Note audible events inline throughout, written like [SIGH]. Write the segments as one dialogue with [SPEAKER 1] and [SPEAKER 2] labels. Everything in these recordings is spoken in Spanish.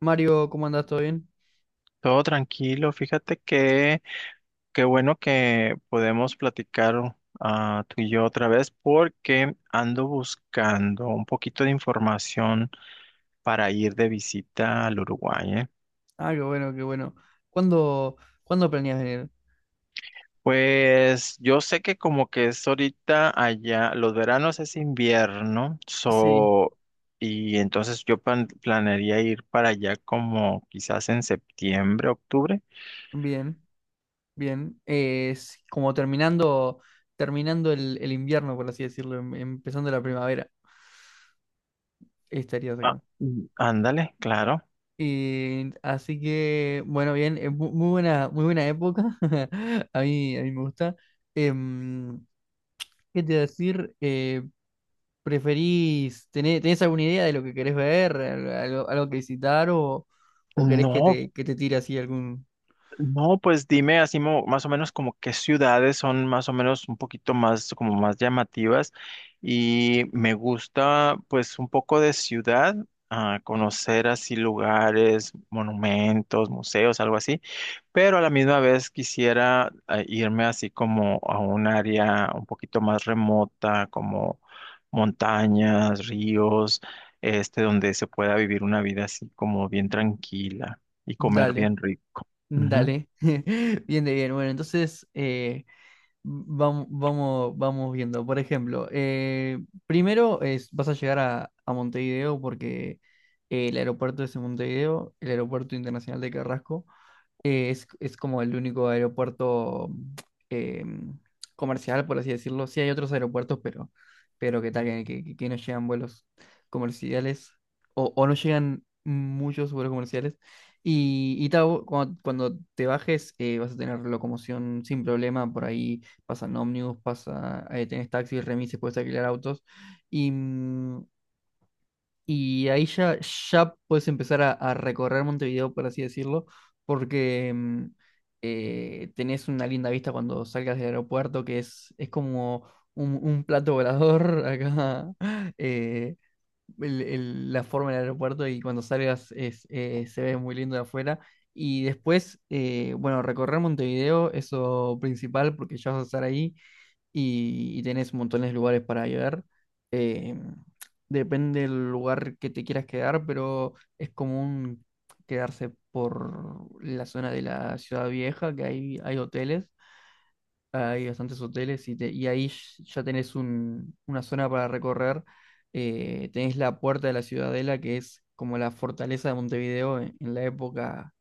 [SPEAKER 1] Mario, ¿cómo andás? ¿Todo bien?
[SPEAKER 2] Todo tranquilo, fíjate que qué bueno que podemos platicar tú y yo otra vez porque ando buscando un poquito de información para ir de visita al Uruguay, ¿eh?
[SPEAKER 1] Ah, qué bueno, qué bueno. ¿Cuándo, cuándo planeas venir?
[SPEAKER 2] Pues yo sé que como que es ahorita allá, los veranos es invierno,
[SPEAKER 1] Sí.
[SPEAKER 2] so, y entonces yo planearía ir para allá como quizás en septiembre, octubre.
[SPEAKER 1] Bien, bien. Es como terminando el invierno, por así decirlo, empezando la primavera, estarías
[SPEAKER 2] Ah,
[SPEAKER 1] acá.
[SPEAKER 2] mm, ándale, claro.
[SPEAKER 1] Y así que, bueno, bien, es muy buena, muy buena época. [LAUGHS] A mí me gusta. Em, ¿qué te iba a decir? ¿Preferís, tenés alguna idea de lo que querés ver, algo que visitar o querés que
[SPEAKER 2] No,
[SPEAKER 1] te, que te tire así algún.
[SPEAKER 2] no, pues dime así más o menos como qué ciudades son más o menos un poquito más como más llamativas y me gusta pues un poco de ciudad, conocer así lugares, monumentos, museos, algo así, pero a la misma vez quisiera irme así como a un área un poquito más remota, como montañas, ríos, este donde se pueda vivir una vida así como bien tranquila y comer
[SPEAKER 1] Dale,
[SPEAKER 2] bien rico. Ujú.
[SPEAKER 1] dale. [LAUGHS] Bien de bien. Bueno, entonces vamos viendo. Por ejemplo, primero es, vas a llegar a Montevideo porque el aeropuerto es en Montevideo, el Aeropuerto Internacional de Carrasco. Es como el único aeropuerto eh, comercial, por así decirlo. Sí hay otros aeropuertos, pero que tal, que no llegan vuelos comerciales o no llegan muchos vuelos comerciales. Y tal, cuando te bajes vas a tener locomoción sin problema, por ahí pasan ómnibus, tenés taxis, remises, puedes alquilar autos. Y, mm, y ahí ya puedes empezar a recorrer Montevideo, por así decirlo, porque tenés una linda vista cuando salgas del aeropuerto, que es como un plato volador [LAUGHS] acá, eh, la forma del aeropuerto y cuando salgas se ve muy lindo de afuera. Y después, bueno, recorrer Montevideo, eso principal, porque ya vas a estar ahí y tenés montones de lugares para llegar. Eh, depende del lugar que te quieras quedar, pero es común quedarse por la zona de la ciudad vieja, que hay hoteles, hay bastantes hoteles y ahí ya tenés una zona para recorrer. Tenés la Puerta de la Ciudadela, que es como la fortaleza de Montevideo en la época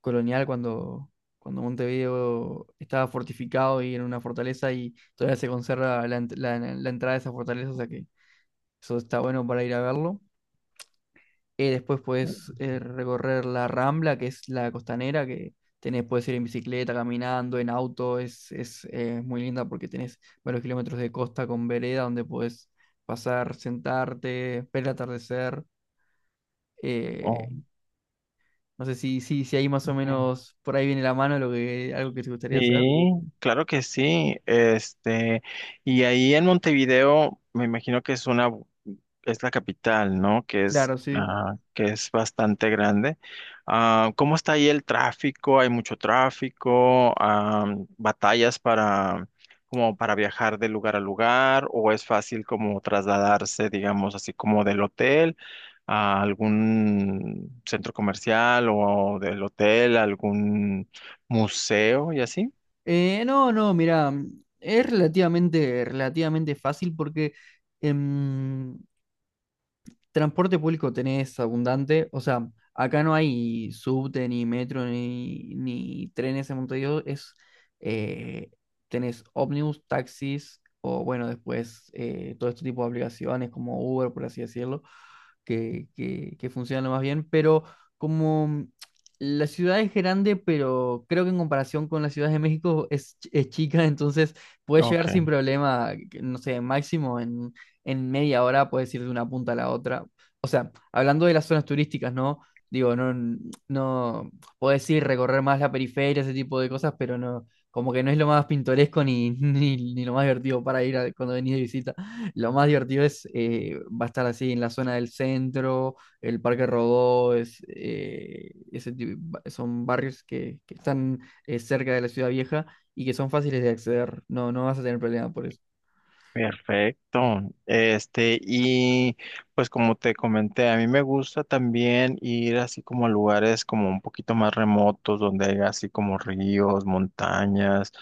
[SPEAKER 1] colonial cuando, cuando Montevideo estaba fortificado y era una fortaleza y todavía se conserva la entrada de esa fortaleza, o sea que eso está bueno para ir a verlo. Después puedes recorrer la Rambla, que es la costanera, puedes ir en bicicleta, caminando, en auto, es muy linda porque tenés varios kilómetros de costa con vereda donde puedes pasar, sentarte, ver el atardecer. eh,
[SPEAKER 2] Oh,
[SPEAKER 1] no sé si ahí más o menos por ahí viene la mano lo que, algo que te gustaría hacer.
[SPEAKER 2] sí, claro que sí. Este, y ahí en Montevideo, me imagino que es una, es la capital, ¿no? Que es,
[SPEAKER 1] Claro, sí.
[SPEAKER 2] que es bastante grande. Ah, ¿cómo está ahí el tráfico? ¿Hay mucho tráfico? Batallas para, como para viajar de lugar a lugar? ¿O es fácil como trasladarse, digamos, así como del hotel a algún centro comercial o del hotel, a algún museo y así?
[SPEAKER 1] No, no, mira, es relativamente fácil porque em, Transporte público tenés abundante, o sea, acá no hay subte, ni metro, ni trenes en Montevideo, eh, tenés ómnibus, taxis, o bueno, después todo este tipo de aplicaciones como Uber, por así decirlo, que funcionan lo más bien, pero como la ciudad es grande, pero creo que en comparación con la Ciudad de México es chica, [LAUGHS] entonces puedes llegar
[SPEAKER 2] Ok,
[SPEAKER 1] sin problema, no sé, máximo en media hora puedes ir de una punta a la otra. O sea, hablando de las zonas turísticas, ¿no? Digo, no, no, puedes ir recorrer más la periferia, ese tipo de cosas, pero no, como que no es lo más pintoresco ni, [LAUGHS] ni lo más divertido para ir cuando venís de visita. Lo más divertido va a estar así en la zona del centro, el Parque Rodó, es, ese tipo- ba- son barrios que están cerca de la ciudad vieja y que son fáciles de acceder. No, no vas a tener problema por eso.
[SPEAKER 2] perfecto. Este, y pues como te comenté, a mí me gusta también ir así como a lugares como un poquito más remotos, donde hay así como ríos, montañas,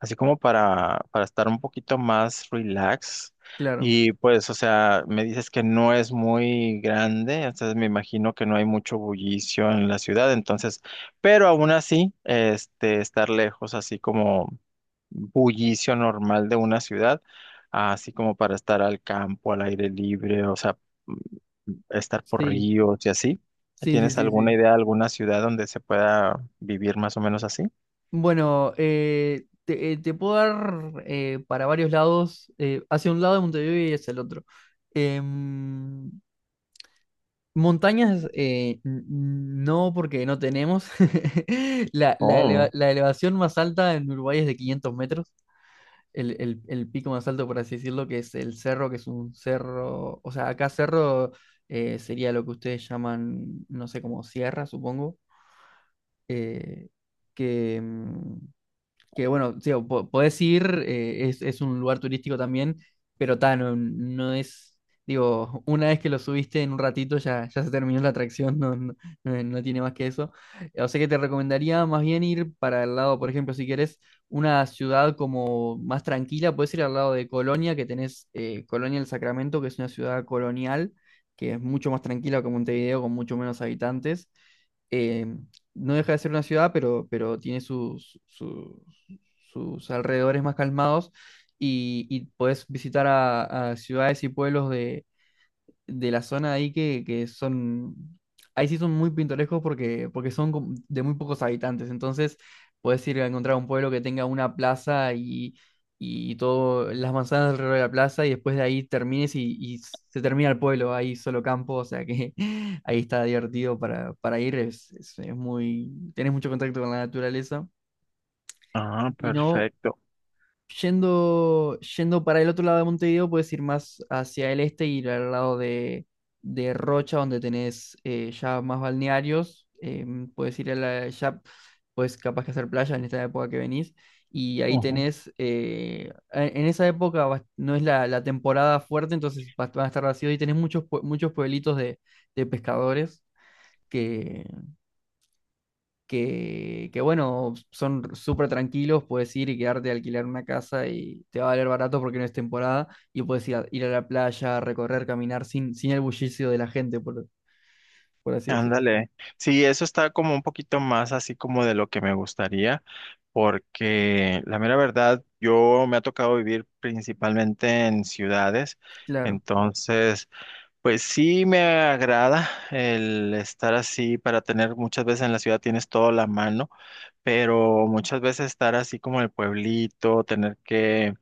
[SPEAKER 2] así como para estar un poquito más relax.
[SPEAKER 1] Claro.
[SPEAKER 2] Y pues, o sea, me dices que no es muy grande, entonces me imagino que no hay mucho bullicio en la ciudad, entonces, pero aún así, este, estar lejos así como bullicio normal de una ciudad, así como para estar al campo, al aire libre, o sea, mm, estar por
[SPEAKER 1] Sí.
[SPEAKER 2] ríos y así.
[SPEAKER 1] Sí, sí,
[SPEAKER 2] ¿Tienes
[SPEAKER 1] sí,
[SPEAKER 2] alguna
[SPEAKER 1] sí.
[SPEAKER 2] idea alguna ciudad donde se pueda vivir más o menos así?
[SPEAKER 1] Bueno, te puedo dar para varios lados, hacia un lado de Montevideo y hacia el otro. Em, montañas, no porque no tenemos. [LAUGHS] La, la eleva-
[SPEAKER 2] Oh,
[SPEAKER 1] la elevación más alta en Uruguay es de 500 metros, el pico más alto, por así decirlo, que es el cerro, que es un cerro, o sea, acá cerro sería lo que ustedes llaman, no sé, como sierra, supongo. eh, que, em, que bueno, sí, o podés ir, es un lugar turístico también, pero ta, no, no es, digo, una vez que lo subiste en un ratito ya, ya se terminó la atracción, no, no, no tiene más que eso. O sea que te recomendaría más bien ir para el lado, por ejemplo, si querés una ciudad como más tranquila, puedes ir al lado de Colonia, que tenés Colonia del Sacramento, que es una ciudad colonial, que es mucho más tranquila que Montevideo, con mucho menos habitantes eh, no deja de ser una ciudad, pero tiene sus alrededores más calmados y podés visitar a ciudades y pueblos de la zona ahí que son, ahí sí son muy pintorescos porque son como de muy pocos habitantes, entonces podés ir a encontrar un pueblo que tenga una plaza y todo, las manzanas alrededor de la plaza y después de ahí termines y se termina el pueblo, ahí solo campo, o sea que [LAUGHS] ahí está divertido para ir, es muy, tenés mucho contacto con la naturaleza.
[SPEAKER 2] ah,
[SPEAKER 1] Y no.
[SPEAKER 2] perfecto.
[SPEAKER 1] Yendo para el otro lado de Montevideo, puedes ir más hacia el este y ir al lado de Rocha, donde tenés ya más balnearios. Puedes ir ya, pues capaz que hacer playa en esta época que venís. Y ahí
[SPEAKER 2] Ujú.
[SPEAKER 1] tenés, en esa época no es la temporada fuerte, entonces van a estar vacíos y tenés muchos pueblitos de pescadores bueno, son súper tranquilos, puedes ir y quedarte a alquilar una casa y te va a valer barato porque no es temporada y puedes ir a la playa, recorrer, caminar sin el bullicio de la gente, por así decirlo.
[SPEAKER 2] Ándale. Sí, eso está como un poquito más así como de lo que me gustaría, porque la mera verdad, yo me ha tocado vivir principalmente en ciudades,
[SPEAKER 1] Claro,
[SPEAKER 2] entonces... Pues sí me agrada el estar así para tener muchas veces en la ciudad tienes todo a la mano, pero muchas veces estar así como en el pueblito, tener que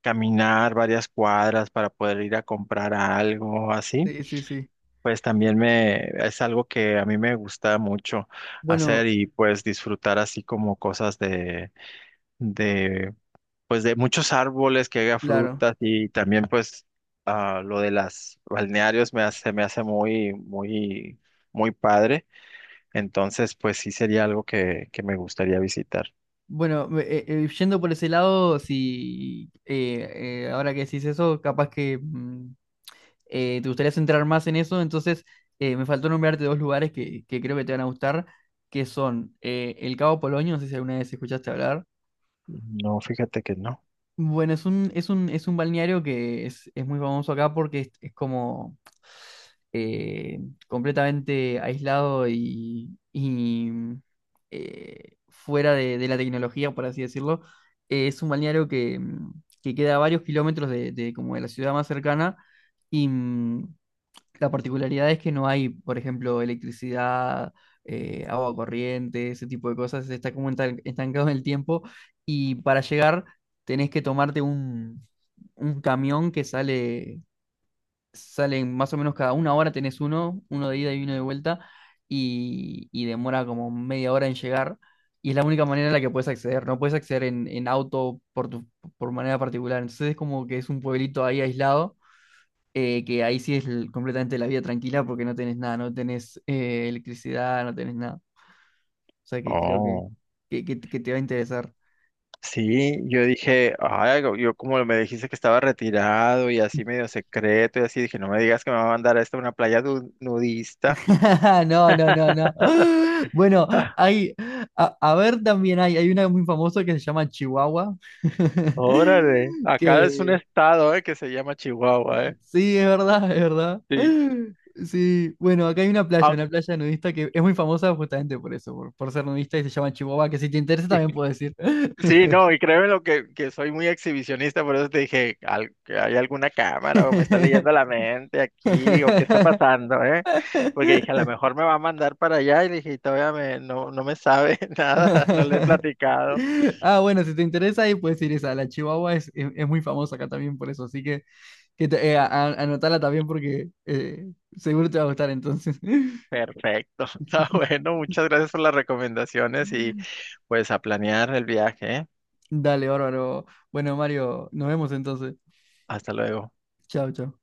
[SPEAKER 2] caminar varias cuadras para poder ir a comprar algo así,
[SPEAKER 1] sí, sí, sí.
[SPEAKER 2] pues también me es algo que a mí me gusta mucho
[SPEAKER 1] Bueno,
[SPEAKER 2] hacer y pues disfrutar así como cosas de, pues de muchos árboles que haga
[SPEAKER 1] claro.
[SPEAKER 2] frutas y también pues lo de las balnearios me hace muy, muy, muy padre. Entonces, pues sí sería algo que me gustaría visitar.
[SPEAKER 1] Bueno, yendo por ese lado, si ahora que decís eso, capaz que te gustaría centrar más en eso, entonces me faltó nombrarte dos lugares que creo que te van a gustar, que son el Cabo Polonio, no sé si alguna vez escuchaste hablar.
[SPEAKER 2] No, fíjate que no.
[SPEAKER 1] Bueno, es un balneario que es muy famoso acá porque es como eh, completamente aislado y fuera de la tecnología, por así decirlo. Es un balneario que queda a varios kilómetros de como de la ciudad más cercana y la particularidad es que no hay, por ejemplo, electricidad, agua corriente, ese tipo de cosas. Está como estancado en el tiempo y para llegar tenés que tomarte un camión que sale más o menos cada una hora tenés uno de ida y uno de vuelta y demora como media hora en llegar. Y es la única manera en la que puedes acceder. No puedes acceder en auto por manera particular. Entonces es como que es un pueblito ahí aislado que ahí sí es completamente la vida tranquila porque no tenés nada, no tenés electricidad, no tenés nada. O sea que creo que,
[SPEAKER 2] Oh.
[SPEAKER 1] que, que- que te va a interesar.
[SPEAKER 2] Sí, yo dije, ay, yo como me dijiste que estaba retirado y así medio secreto y así, dije, no me digas que me va a mandar a esta una playa nudista.
[SPEAKER 1] [LAUGHS] No, no, no, no.
[SPEAKER 2] [LAUGHS]
[SPEAKER 1] [GASPS] Bueno, hay, a ver también hay una muy famosa que se llama Chihuahua. [LAUGHS]
[SPEAKER 2] Órale, acá es un
[SPEAKER 1] Que
[SPEAKER 2] estado, que se llama Chihuahua, eh.
[SPEAKER 1] sí, es verdad, es verdad.
[SPEAKER 2] Sí.
[SPEAKER 1] [GASPS] Sí, bueno, acá hay
[SPEAKER 2] Ah,
[SPEAKER 1] una playa nudista que es muy famosa justamente por eso, por ser nudista y se llama Chihuahua, que si te interesa también puedes ir.
[SPEAKER 2] sí, no, y créeme lo que soy muy exhibicionista, por eso te dije, que ¿hay alguna cámara o me está leyendo la mente aquí o qué está pasando, eh? Porque dije, a lo
[SPEAKER 1] [LAUGHS] [LAUGHS]
[SPEAKER 2] mejor me va a mandar para allá y dije, y todavía me, no, no me sabe [LAUGHS] nada, no le he platicado.
[SPEAKER 1] Ah, bueno, si te interesa ahí puedes ir esa. La Chihuahua es muy famosa acá también por eso, así que anotala también porque seguro te va a gustar entonces. [LAUGHS]
[SPEAKER 2] Perfecto, [LAUGHS] está bueno, muchas gracias por las recomendaciones y pues a planear el viaje, ¿eh?
[SPEAKER 1] Dale, bárbaro. Bueno, Mario, nos vemos entonces.
[SPEAKER 2] Hasta luego.
[SPEAKER 1] Chao, chao.